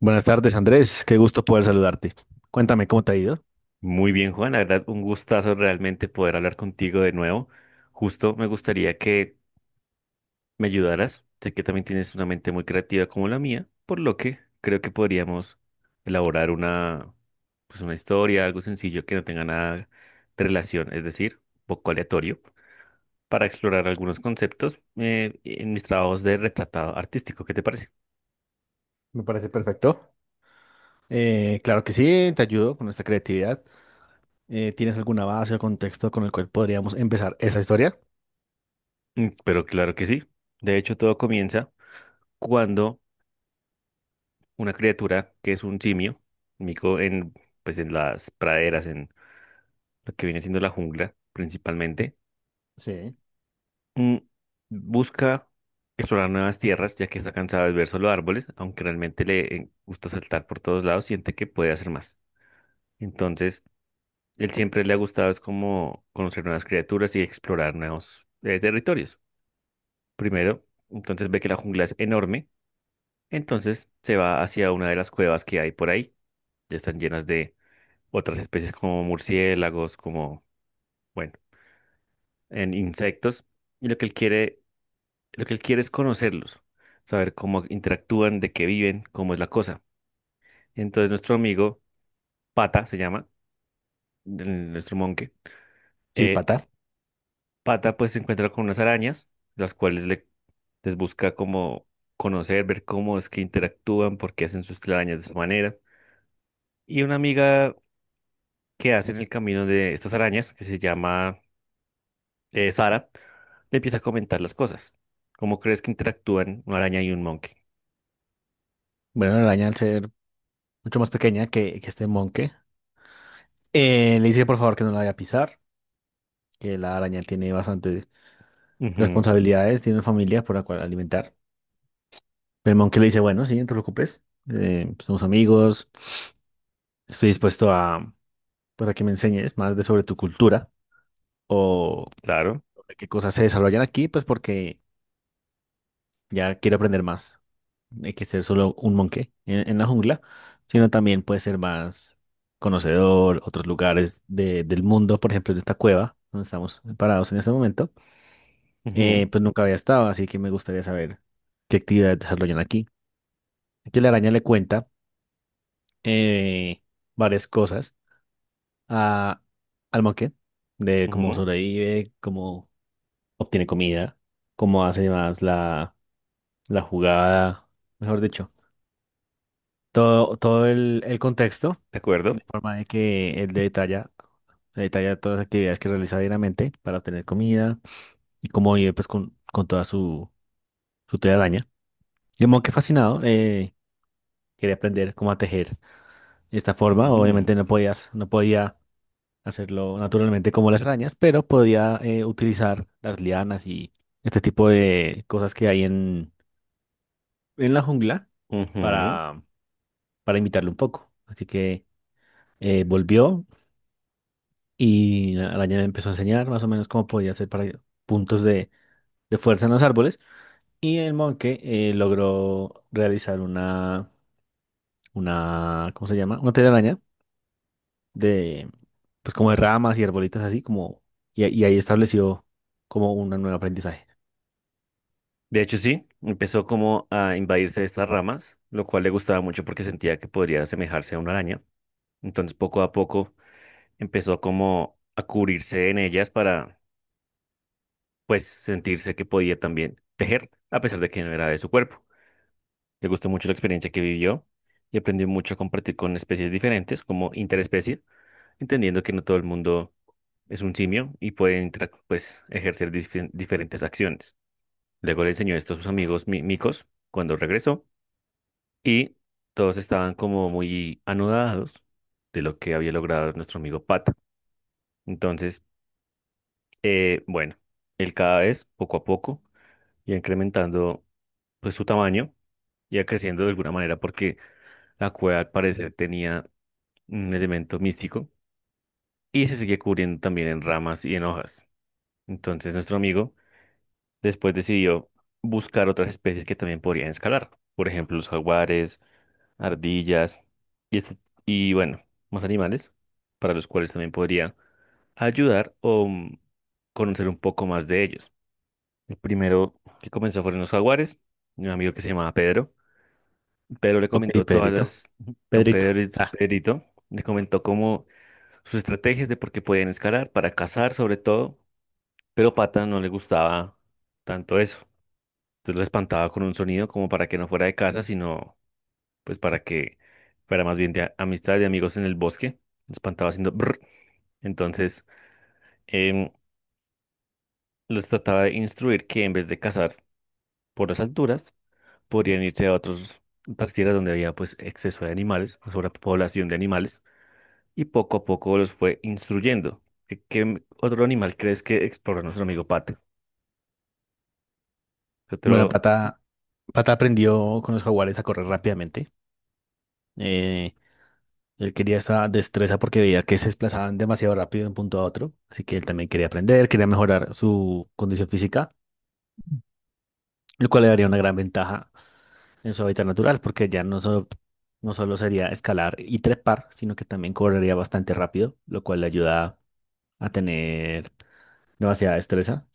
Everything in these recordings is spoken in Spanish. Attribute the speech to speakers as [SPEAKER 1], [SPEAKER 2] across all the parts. [SPEAKER 1] Buenas tardes, Andrés. Qué gusto poder saludarte. Cuéntame cómo te ha ido.
[SPEAKER 2] Muy bien, Juan, la verdad, un gustazo realmente poder hablar contigo de nuevo. Justo me gustaría que me ayudaras. Sé que también tienes una mente muy creativa como la mía, por lo que creo que podríamos elaborar una, pues una historia, algo sencillo que no tenga nada de relación, es decir, un poco aleatorio, para explorar algunos conceptos en mis trabajos de retratado artístico. ¿Qué te parece?
[SPEAKER 1] Me parece perfecto. Claro que sí, te ayudo con esta creatividad. ¿tienes alguna base o contexto con el cual podríamos empezar esa historia?
[SPEAKER 2] Mm, pero claro que sí. De hecho, todo comienza cuando una criatura que es un simio, mico en, pues en las praderas, en lo que viene siendo la jungla principalmente.
[SPEAKER 1] Sí.
[SPEAKER 2] Mm, Busca explorar nuevas tierras, ya que está cansada de ver solo árboles, aunque realmente le gusta saltar por todos lados, siente que puede hacer más. Entonces, él siempre le ha gustado es como conocer nuevas criaturas y explorar nuevos territorios. Primero, entonces ve que la jungla es enorme, entonces se va hacia una de las cuevas que hay por ahí, ya están llenas de otras especies como murciélagos, como, bueno, en insectos. Y lo que él quiere, lo que él quiere es conocerlos, saber cómo interactúan, de qué viven, cómo es la cosa. Entonces nuestro amigo Pata se llama, nuestro monje,
[SPEAKER 1] Sí,
[SPEAKER 2] eh,
[SPEAKER 1] pata.
[SPEAKER 2] Pata pues se encuentra con unas arañas, las cuales le, les busca como conocer, ver cómo es que interactúan, por qué hacen sus telarañas de esa manera. Y una amiga que hace en el camino de estas arañas, que se llama Sara, le empieza a comentar las cosas. ¿Cómo crees que interactúan una araña y un monkey?
[SPEAKER 1] Bueno, la araña, al ser mucho más pequeña que este monje, le dice por favor que no la vaya a pisar, que la araña tiene bastantes
[SPEAKER 2] Ujú,
[SPEAKER 1] responsabilidades, tiene una familia por la cual alimentar. Pero el monje le dice, bueno, sí, no te preocupes, somos amigos, estoy dispuesto a, pues, a que me enseñes más de sobre tu cultura, o
[SPEAKER 2] claro.
[SPEAKER 1] de qué cosas se desarrollan aquí, pues porque ya quiero aprender más. No hay que ser solo un monje en la jungla, sino también puede ser más conocedor, otros lugares del mundo. Por ejemplo, en esta cueva donde estamos parados en este momento,
[SPEAKER 2] Ujú,
[SPEAKER 1] pues nunca había estado, así que me gustaría saber qué actividades desarrollan aquí. Aquí la araña le cuenta eh, varias cosas a, al monje, de cómo
[SPEAKER 2] ujú,
[SPEAKER 1] sobrevive, cómo obtiene comida, cómo hace más la jugada, mejor dicho, todo el contexto,
[SPEAKER 2] ¿de
[SPEAKER 1] de
[SPEAKER 2] acuerdo?
[SPEAKER 1] forma de que él detalla, detalla todas las actividades que realiza diariamente para obtener comida y cómo vive, pues con toda su, su telaraña. Y como que fascinado, quería aprender cómo a tejer de esta forma.
[SPEAKER 2] Mm,
[SPEAKER 1] Obviamente no podía hacerlo naturalmente como las arañas, pero podía, utilizar las lianas y este tipo de cosas que hay en la jungla
[SPEAKER 2] ujú.
[SPEAKER 1] para, para imitarlo un poco. Así que volvió y la araña le empezó a enseñar más o menos cómo podía hacer para puntos de fuerza en los árboles. Y el monje logró realizar una, ¿cómo se llama? Una telaraña de, pues como de ramas y arbolitos así, como, y ahí estableció como un nuevo aprendizaje.
[SPEAKER 2] De hecho, sí, empezó como a invadirse de estas ramas, lo cual le gustaba mucho porque sentía que podría asemejarse a una araña. Entonces, poco a poco, empezó como a cubrirse en ellas para, pues, sentirse que podía también tejer, a pesar de que no era de su cuerpo. Le gustó mucho la experiencia que vivió y aprendió mucho a compartir con especies diferentes como interespecie, entendiendo que no todo el mundo es un simio y puede pues, ejercer diferentes acciones. Luego le enseñó esto a sus amigos micos cuando regresó y todos estaban como muy anodados de lo que había logrado nuestro amigo Pata. Entonces, bueno, él cada vez, poco a poco, iba incrementando pues su tamaño, iba creciendo de alguna manera porque la cueva al parecer tenía un elemento místico y se seguía cubriendo también en ramas y en hojas. Entonces nuestro amigo después decidió buscar otras especies que también podrían escalar, por ejemplo los jaguares, ardillas y, y bueno, más animales para los cuales también podría ayudar o conocer un poco más de ellos. El primero que comenzó fueron los jaguares, un amigo que se llamaba Pedro. Pedro le
[SPEAKER 1] Ok,
[SPEAKER 2] comentó todas
[SPEAKER 1] Pedrito.
[SPEAKER 2] las, don
[SPEAKER 1] Pedrito.
[SPEAKER 2] Pedro,
[SPEAKER 1] Ah,
[SPEAKER 2] Pedrito, le comentó cómo sus estrategias de por qué podían escalar, para cazar sobre todo, pero Pata no le gustaba tanto eso. Entonces lo espantaba con un sonido como para que no fuera de casa, sino pues para que fuera más bien de amistad, de amigos en el bosque. Lo espantaba haciendo brr. Entonces em, los trataba de instruir que en vez de cazar por las alturas, podrían irse a otros otras tierras donde había pues exceso de animales, sobrepoblación de animales, y poco a poco los fue instruyendo. ¿Qué, qué otro animal crees que exploró nuestro amigo Pata?
[SPEAKER 1] bueno,
[SPEAKER 2] Otro,
[SPEAKER 1] Pata, Pata aprendió con los jaguares a correr rápidamente. Eh, Él quería esa destreza porque veía que se desplazaban demasiado rápido de un punto a otro, así que él también quería aprender, quería mejorar su condición física, lo cual le daría una gran ventaja en su hábitat natural, porque ya no solo sería escalar y trepar, sino que también correría bastante rápido, lo cual le ayuda a tener demasiada destreza.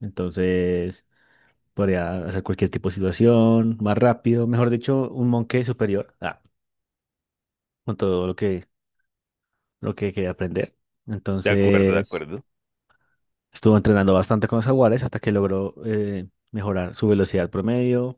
[SPEAKER 1] Entonces, podría hacer cualquier tipo de situación más rápido, mejor dicho, un monje superior, ah, con todo lo que quería aprender.
[SPEAKER 2] de acuerdo, de
[SPEAKER 1] Entonces...
[SPEAKER 2] acuerdo.
[SPEAKER 1] estuvo entrenando bastante con los jaguares hasta que logró, mejorar su velocidad promedio,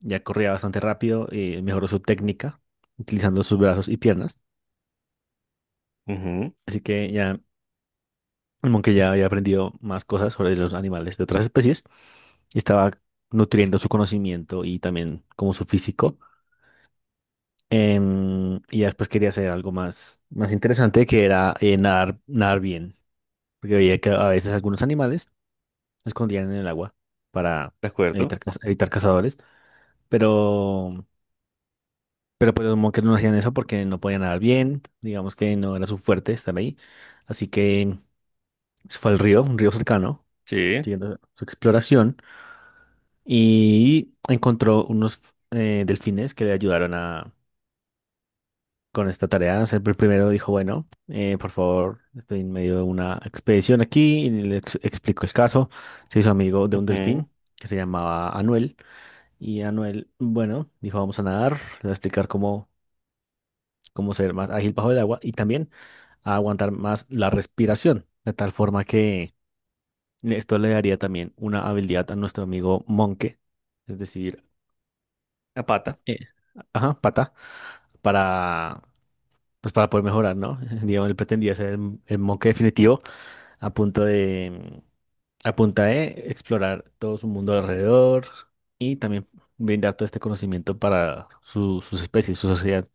[SPEAKER 1] ya corría bastante rápido y mejoró su técnica utilizando sus brazos y piernas.
[SPEAKER 2] Ujú,
[SPEAKER 1] Así que ya el monkey ya había aprendido más cosas sobre los animales de otras especies y estaba nutriendo su conocimiento y también como su físico. Y ya después quería hacer algo más, más interesante, que era nadar, nadar bien, porque veía que a veces algunos animales se escondían en el agua para
[SPEAKER 2] de acuerdo.
[SPEAKER 1] evitar, evitar cazadores. pero, pero pues los Monkers no hacían eso porque no podían nadar bien, digamos que no era su fuerte estar ahí, así que se fue al río, un río cercano,
[SPEAKER 2] Sí,
[SPEAKER 1] siguiendo su exploración, y encontró unos, delfines que le ayudaron a, con esta tarea. O sea, el primero dijo, bueno, por favor, estoy en medio de una expedición aquí, y le explicó el caso, se hizo amigo de un
[SPEAKER 2] ujú.
[SPEAKER 1] delfín que se llamaba Anuel, y Anuel, bueno, dijo, vamos a nadar, le voy a explicar cómo, como ser más ágil bajo el agua y también a aguantar más la respiración, de tal forma que esto le daría también una habilidad a nuestro amigo Monke, es decir,
[SPEAKER 2] La pata.
[SPEAKER 1] eh, ajá, pata, para, pues para poder mejorar, ¿no? Digamos, él pretendía ser el Monke definitivo a punto de, a punta de explorar todo su mundo alrededor y también brindar todo este conocimiento para sus especies, su sociedad,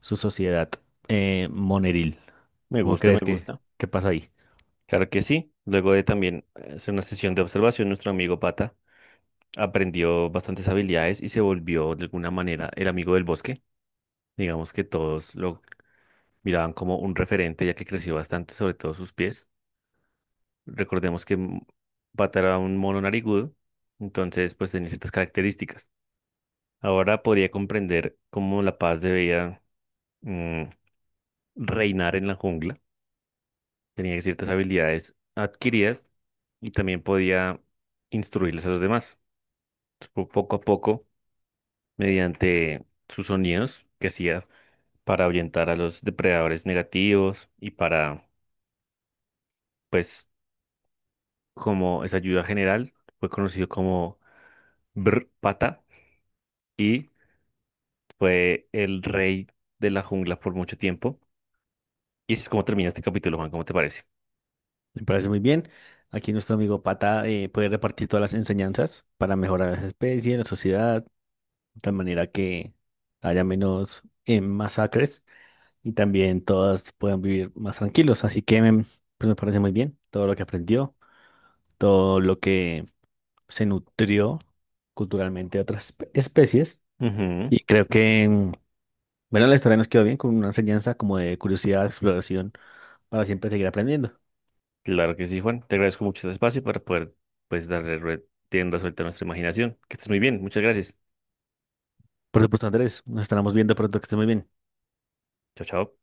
[SPEAKER 1] su sociedad, moneril.
[SPEAKER 2] Me
[SPEAKER 1] ¿Cómo
[SPEAKER 2] gusta, me
[SPEAKER 1] crees que
[SPEAKER 2] gusta.
[SPEAKER 1] qué pasa ahí?
[SPEAKER 2] Claro que sí. Luego de también hacer una sesión de observación, nuestro amigo Pata aprendió bastantes habilidades y se volvió de alguna manera el amigo del bosque. Digamos que todos lo miraban como un referente ya que creció bastante, sobre todo sus pies. Recordemos que Pata era un mono narigudo, entonces pues tenía ciertas características. Ahora podría comprender cómo la paz debía mm, reinar en la jungla, tenía ciertas habilidades adquiridas y también podía instruirles a los demás. Poco a poco, mediante sus sonidos que hacía para ahuyentar a los depredadores negativos y para, pues, como esa ayuda general, fue conocido como Brr Pata y fue el rey de la jungla por mucho tiempo. Y así es como termina este capítulo, Juan, ¿cómo te parece?
[SPEAKER 1] Me parece muy bien. Aquí nuestro amigo Pata puede repartir todas las enseñanzas para mejorar las especies, la sociedad, de tal manera que haya menos, masacres, y también todas puedan vivir más tranquilos. Así que, pues me parece muy bien todo lo que aprendió, todo lo que se nutrió culturalmente de otras especies.
[SPEAKER 2] Ujú.
[SPEAKER 1] Y creo que, bueno, la historia nos quedó bien con una enseñanza como de curiosidad, exploración, para siempre seguir aprendiendo.
[SPEAKER 2] Claro que sí, Juan. Te agradezco mucho este espacio para poder, pues, darle rienda suelta a nuestra imaginación. Que estés muy bien. Muchas gracias.
[SPEAKER 1] Por supuesto, Andrés, nos estaremos viendo pronto, que esté muy bien.
[SPEAKER 2] Chao, chao.